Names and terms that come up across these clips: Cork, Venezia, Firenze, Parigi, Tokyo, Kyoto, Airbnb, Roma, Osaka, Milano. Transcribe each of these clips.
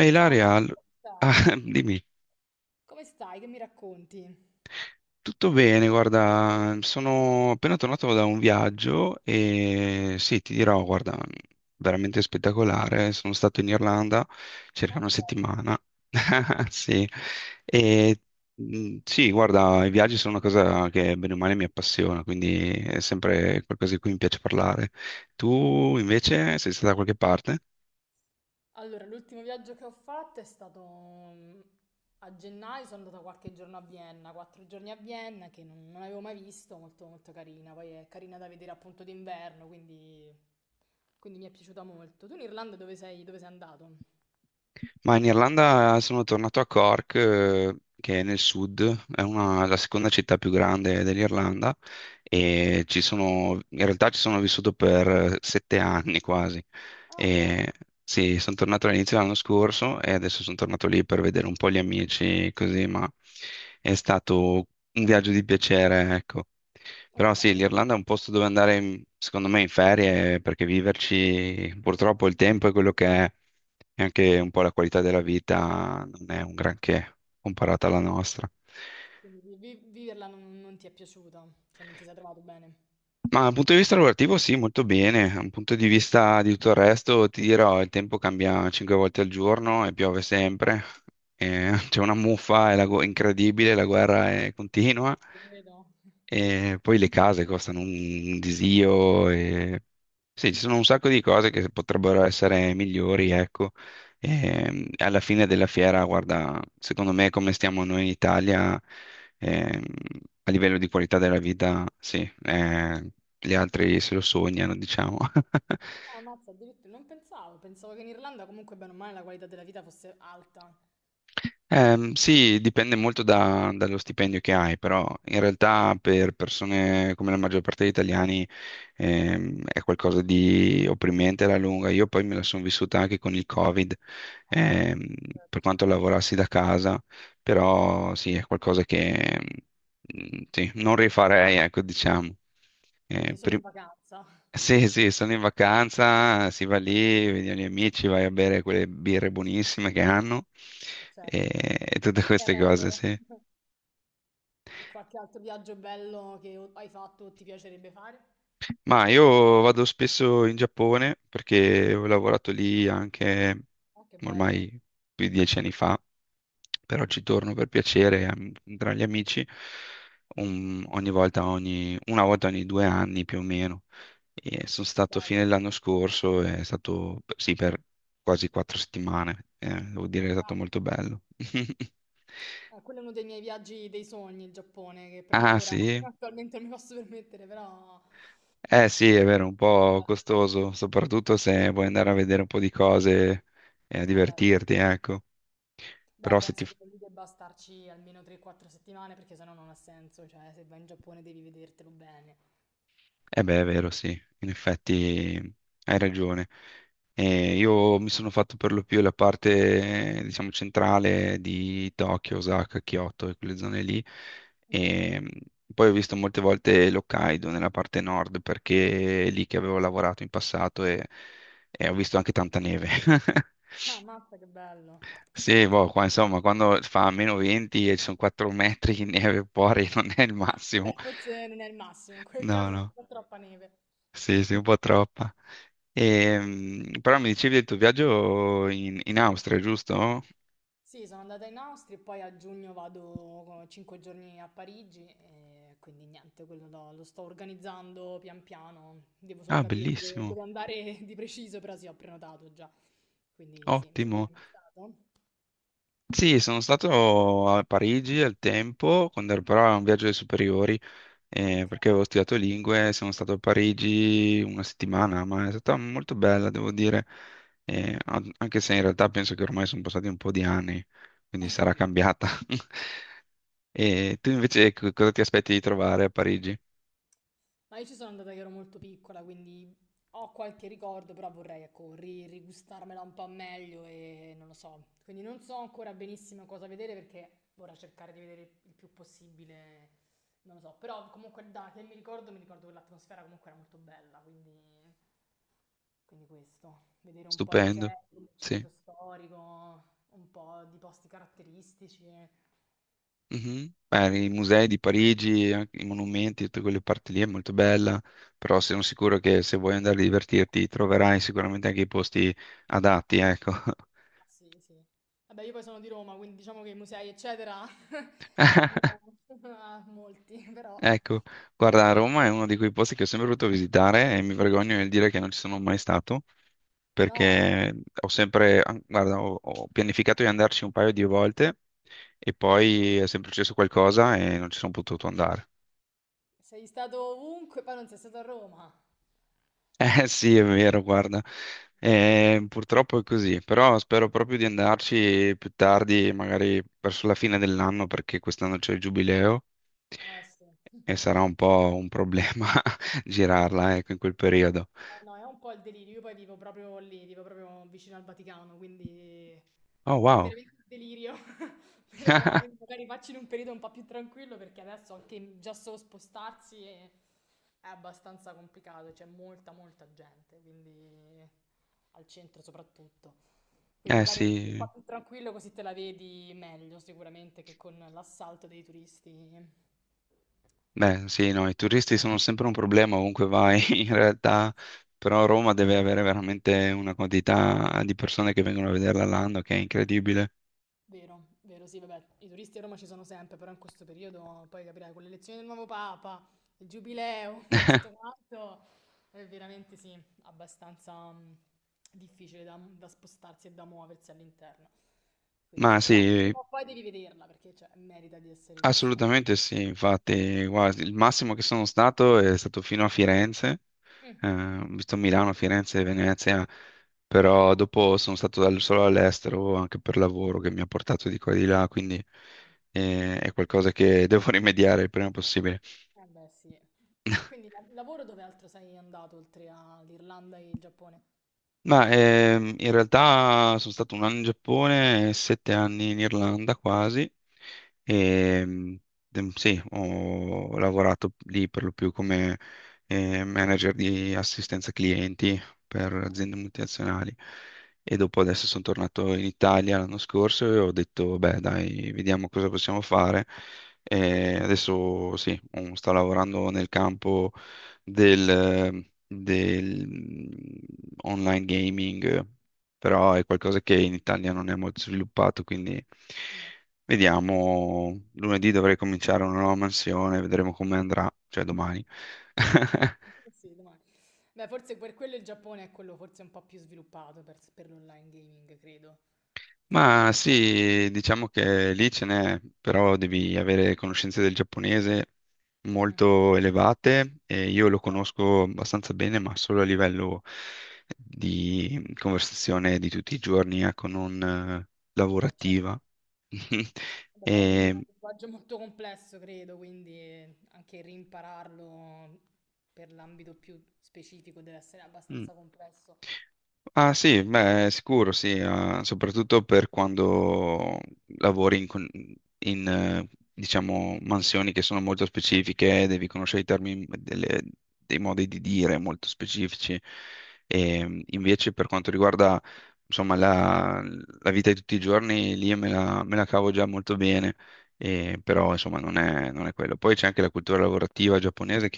Ehi Ciao Ilaria, Marco, come ah, stai? dimmi, Come stai? Che mi racconti? tutto bene, guarda, sono appena tornato da un viaggio e sì, ti dirò, guarda, veramente spettacolare, sono stato in Irlanda circa Ah, una che bello. settimana. Sì, e sì, guarda, i viaggi sono una cosa che bene o male mi appassiona, quindi è sempre qualcosa di cui mi piace parlare. Tu invece sei stata da qualche parte? Allora, l'ultimo viaggio che ho fatto è stato mm, a gennaio, sono andata qualche giorno a Vienna, 4 giorni a Vienna che non avevo mai visto, molto molto carina, poi è carina da vedere appunto d'inverno, quindi, quindi mi è piaciuta molto. Tu in Irlanda dove sei andato? Ma in Irlanda sono tornato a Cork, che è nel sud, è la seconda città più grande dell'Irlanda e in realtà ci sono vissuto per 7 anni quasi. Ah, wow, E, sì, sono tornato all'inizio dell'anno scorso e adesso sono tornato lì per vedere un po' gli amici, così, ma è stato un viaggio di piacere, ecco. Però ok. sì, l'Irlanda è un posto dove andare, secondo me, in ferie, perché viverci purtroppo il tempo è quello che è, e anche Mm, un po' la qualità della vita non è un granché comparata alla nostra. quindi viverla non ti è piaciuta, cioè non ti sei trovato bene? Ma dal punto di vista lavorativo sì, molto bene. Dal punto di vista di tutto il resto, ti dirò, il tempo cambia 5 volte al giorno e piove Ma sempre, no, e c'è una muffa, è incredibile, la guerra è continua. Ti credo. E poi le case costano un disio. E sì, ci sono un sacco di cose che potrebbero essere migliori, ecco. E alla fine della fiera, guarda, secondo me come stiamo noi in Italia, ehm, a livello di qualità della vita, sì, eh, gli altri se lo sognano, diciamo. Ah, ammazza, addirittura non pensavo, pensavo che in Irlanda comunque bene o male la qualità della vita fosse alta. Sì, dipende molto dallo stipendio che hai, però in Chiaro. realtà per persone come la maggior parte degli italiani è qualcosa di opprimente alla lunga. Io poi me la sono vissuta anche con il Covid, Ah, ehm, certo. per quanto lavorassi da casa, Mm. però sì, è qualcosa che mm, sì, non rifarei, ecco, diciamo. Quindi Eh, solo in per- vacanza. sì, sì, sono in vacanza, si va lì, vedi gli amici, vai a bere quelle birre buonissime che hanno certo. e, e tutte queste Terra cose, loro. sì. E qualche altro viaggio bello che hai fatto o ti piacerebbe fare? Ma io vado spesso in Giappone perché ho lavorato lì anche Ah, che ormai bello, più di 10 anni fa, però ci torno per piacere tra gli amici una volta ogni 2 anni più o meno. E sono stato fine bello. dell'anno scorso, è stato sì, per quasi 4 settimane, devo dire Ah, che è stato molto tanto. bello. Quello è uno dei miei viaggi dei sogni, il Giappone, che però Ah ancora sì? attualmente non mi posso permettere, però... Eh sì, è vero, un po' Beh, costoso, soprattutto se vuoi andare a vedere un po' di cose e a eh beh. divertirti, ecco. Beh, Però se ti, penso che lì debba starci almeno 3-4 settimane perché sennò non ha senso, cioè se vai in Giappone devi vedertelo bene. Eh beh, è vero, sì, in effetti hai ragione. Io mi sono fatto per lo più la parte, diciamo, centrale di Tokyo, Osaka, Kyoto e quelle zone lì. Mhm. E poi ho visto molte volte l'Hokkaido nella parte nord perché è lì che avevo lavorato in passato e ho visto anche tanta neve. Ah, mazza, che bello. Sì, boh, qua insomma, quando fa meno 20 e ci sono 4 metri di neve fuori non è il Ah, massimo. beh, forse non è il massimo, in quel No, caso no, no, fa troppa neve. sì, sì, un po' troppa. Però mi dicevi del tuo viaggio in Austria, giusto? Sì, sono andata in Austria e poi a giugno vado 5 giorni a Parigi e quindi niente, quello lo, lo sto organizzando pian piano, devo solo Ah, capire dove, bellissimo, dove andare di preciso, però sì, ho prenotato già. Quindi sì, tu ci sei ottimo. mai stato? Sì, sono stato a Parigi al tempo, quando ero però a un viaggio dei superiori, Ok. perché avevo studiato lingue, sono stato a Parigi una settimana, ma è stata molto bella, devo dire. Mhm. Anche se in realtà penso che ormai sono passati un po' di anni, quindi sarà cambiata. E tu invece cosa ti aspetti di trovare a Parigi? Ma io ci sono andata che ero molto piccola, quindi ho qualche ricordo, però vorrei, ecco, rigustarmela un po' meglio e non lo so. Quindi non so ancora benissimo cosa vedere perché vorrei cercare di vedere il più possibile, non lo so. Però comunque da che mi ricordo che l'atmosfera comunque era molto bella, quindi, quindi questo. Vedere un po' i musei, Stupendo, il sì. centro storico, un po' di posti caratteristici. Eh Mhm. Beh, i musei di Parigi, anche i monumenti, tutte quelle parti lì è molto bella, però sono sì. sicuro che se vuoi andare a divertirti troverai sicuramente anche i posti adatti, ecco. Ah, sì, sì. Vabbè, io poi sono di Roma, quindi diciamo che i musei, eccetera, ne ho ah, molti, però Ecco, guarda, Roma è uno di quei posti che ho sempre voluto visitare e mi vergogno nel dire che non ci sono mai stato, no, perché ho sempre, guarda, ho pianificato di andarci un paio di volte e poi è sempre successo qualcosa e non ci sono potuto andare. sei stato ovunque, poi non sei stato a Roma. Eh sì, è vero, guarda. Purtroppo è così, però spero proprio di andarci più tardi, magari verso la fine dell'anno, perché quest'anno c'è il giubileo Eh sì. E sarà un po' un problema girarla, ecco, in quel periodo. No, è un po' il delirio. Io poi vivo proprio lì, vivo proprio vicino al Vaticano, quindi Oh, è wow. veramente un delirio. Però quindi magari facci in un periodo un po' più tranquillo perché adesso anche già solo spostarsi è abbastanza complicato, c'è molta molta gente, quindi al centro soprattutto. Quindi Eh magari un periodo un sì, po' più tranquillo così te la vedi meglio sicuramente che con l'assalto dei turisti. beh, sì, no, i turisti sono sempre un problema ovunque vai, in realtà, però Roma deve avere veramente una quantità di persone che vengono a vederla l'anno che è incredibile. Vero, vero, sì, vabbè, i turisti a Roma ci sono sempre, però in questo periodo poi capirai con l'elezione del nuovo Papa, il giubileo e tutto quanto, è veramente sì, abbastanza difficile da, da spostarsi e da muoversi all'interno. Quindi Ma sì, però sì, prima o poi devi vederla perché cioè, merita di essere vista. assolutamente sì, infatti, guarda, il massimo che sono stato è stato fino a Firenze, Mm, ho visto Milano, Firenze e Venezia, ok, però dopo sono stato solo all'estero anche per lavoro che mi ha portato di qua e di là, quindi è qualcosa che devo rimediare il prima possibile. eh beh sì. E quindi lavoro dove altro sei andato oltre all'Irlanda e il Giappone? Ma in realtà sono stato un anno in Giappone e 7 anni in Irlanda quasi. Mhm, E, sì, ho lavorato lì per lo più come manager di assistenza clienti per ok. aziende multinazionali. E dopo adesso sono tornato in Italia l'anno scorso e ho detto, beh, dai, vediamo cosa possiamo fare. E adesso sì, sto lavorando nel campo del online gaming, però è qualcosa che in Italia non è molto sviluppato, quindi Mm. vediamo. Lunedì dovrei cominciare una nuova mansione, vedremo come andrà, cioè domani. Ok, sì, domani. Beh, forse per quello il Giappone è quello forse un po' più sviluppato per l'online gaming, credo, tra i Ma vari... sì, diciamo che lì ce n'è, però devi avere conoscenze del giapponese Mm, molto elevate e io lo certo. conosco abbastanza bene, ma solo a livello di conversazione di tutti i giorni, ecco, non Beh, certo. lavorativa. Vabbè, poi è un E, linguaggio molto complesso, credo, quindi anche rimpararlo per l'ambito più specifico deve essere mm, abbastanza complesso. ah sì, beh, sicuro sì, soprattutto per quando lavori in, diciamo, mansioni che sono molto specifiche, devi conoscere i termini, dei modi di dire molto specifici. Invece per quanto riguarda, insomma, la vita di tutti i giorni, lì me la cavo già molto bene, però insomma non è quello. Poi c'è anche la cultura lavorativa giapponese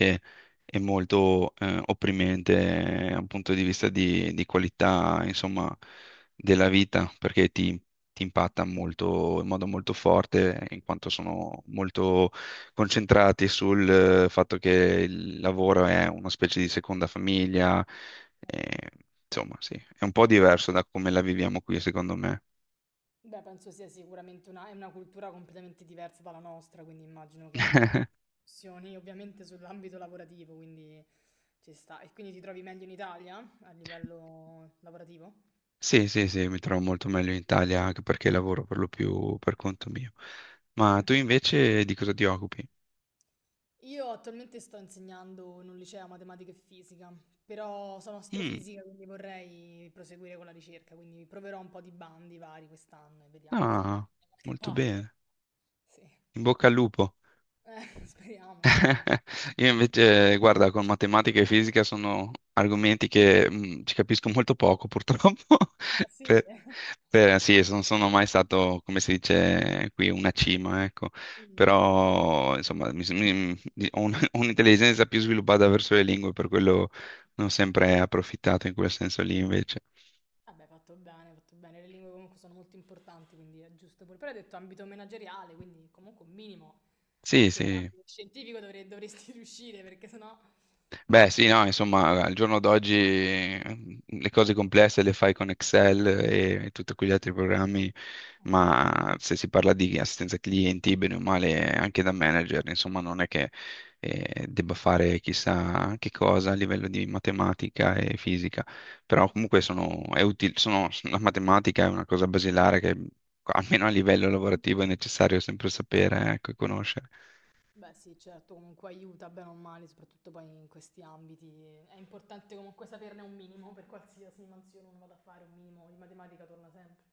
è molto opprimente da un punto di vista di qualità, insomma, della vita, perché ti impatta molto, in modo molto forte, in quanto sono molto concentrati sul fatto che il lavoro è una specie di seconda famiglia, eh, insomma, sì, è un po' diverso da come la viviamo qui, secondo me. Beh, penso sia sicuramente una, è una cultura completamente diversa dalla nostra, quindi immagino che abbia anche discussioni ovviamente sull'ambito lavorativo, quindi ci sta. E quindi ti trovi meglio in Italia a livello lavorativo? Sì, sì, sì, mi trovo molto meglio in Italia anche perché lavoro per lo più per conto mio. Ma Mm. tu invece di cosa ti occupi? Io attualmente sto insegnando in un liceo matematica e fisica, però sono Mm. astrofisica, quindi vorrei proseguire con la ricerca, quindi proverò un po' di bandi vari quest'anno e vediamo se Ah, da qualche molto parte. bene. Sì, eh, In bocca al lupo. speriamo, speriamo. Io invece, guarda, con matematica e fisica sono argomenti che ci capisco molto poco, purtroppo. Ah sì? Per, sì, non sono mai stato, come si dice qui, una cima, ecco. Mm. Però, insomma, ho un'intelligenza più sviluppata verso le lingue, per quello ne ho Ok. sempre approfittato in quel senso lì, invece. Vabbè, fatto bene, fatto bene. Le lingue comunque sono molto importanti, quindi è giusto pure. Però hai detto ambito manageriale, quindi comunque un minimo Sì, anche sì. nell'ambito scientifico dovresti riuscire, perché sennò... Beh, sì, no, insomma, al giorno d'oggi le cose complesse le fai con Excel e tutti quegli altri programmi, Mm, ma se si parla di assistenza clienti, bene o male, anche da manager, insomma, non è che debba fare chissà che cosa a livello di matematica e fisica, però mm. comunque è utile, la matematica è una cosa basilare che almeno a livello lavorativo è necessario sempre sapere, ecco, e conoscere. Beh sì, certo, comunque aiuta bene o male, soprattutto poi in questi ambiti. È importante comunque saperne un minimo per qualsiasi mansione uno vada a fare, un minimo di matematica torna sempre.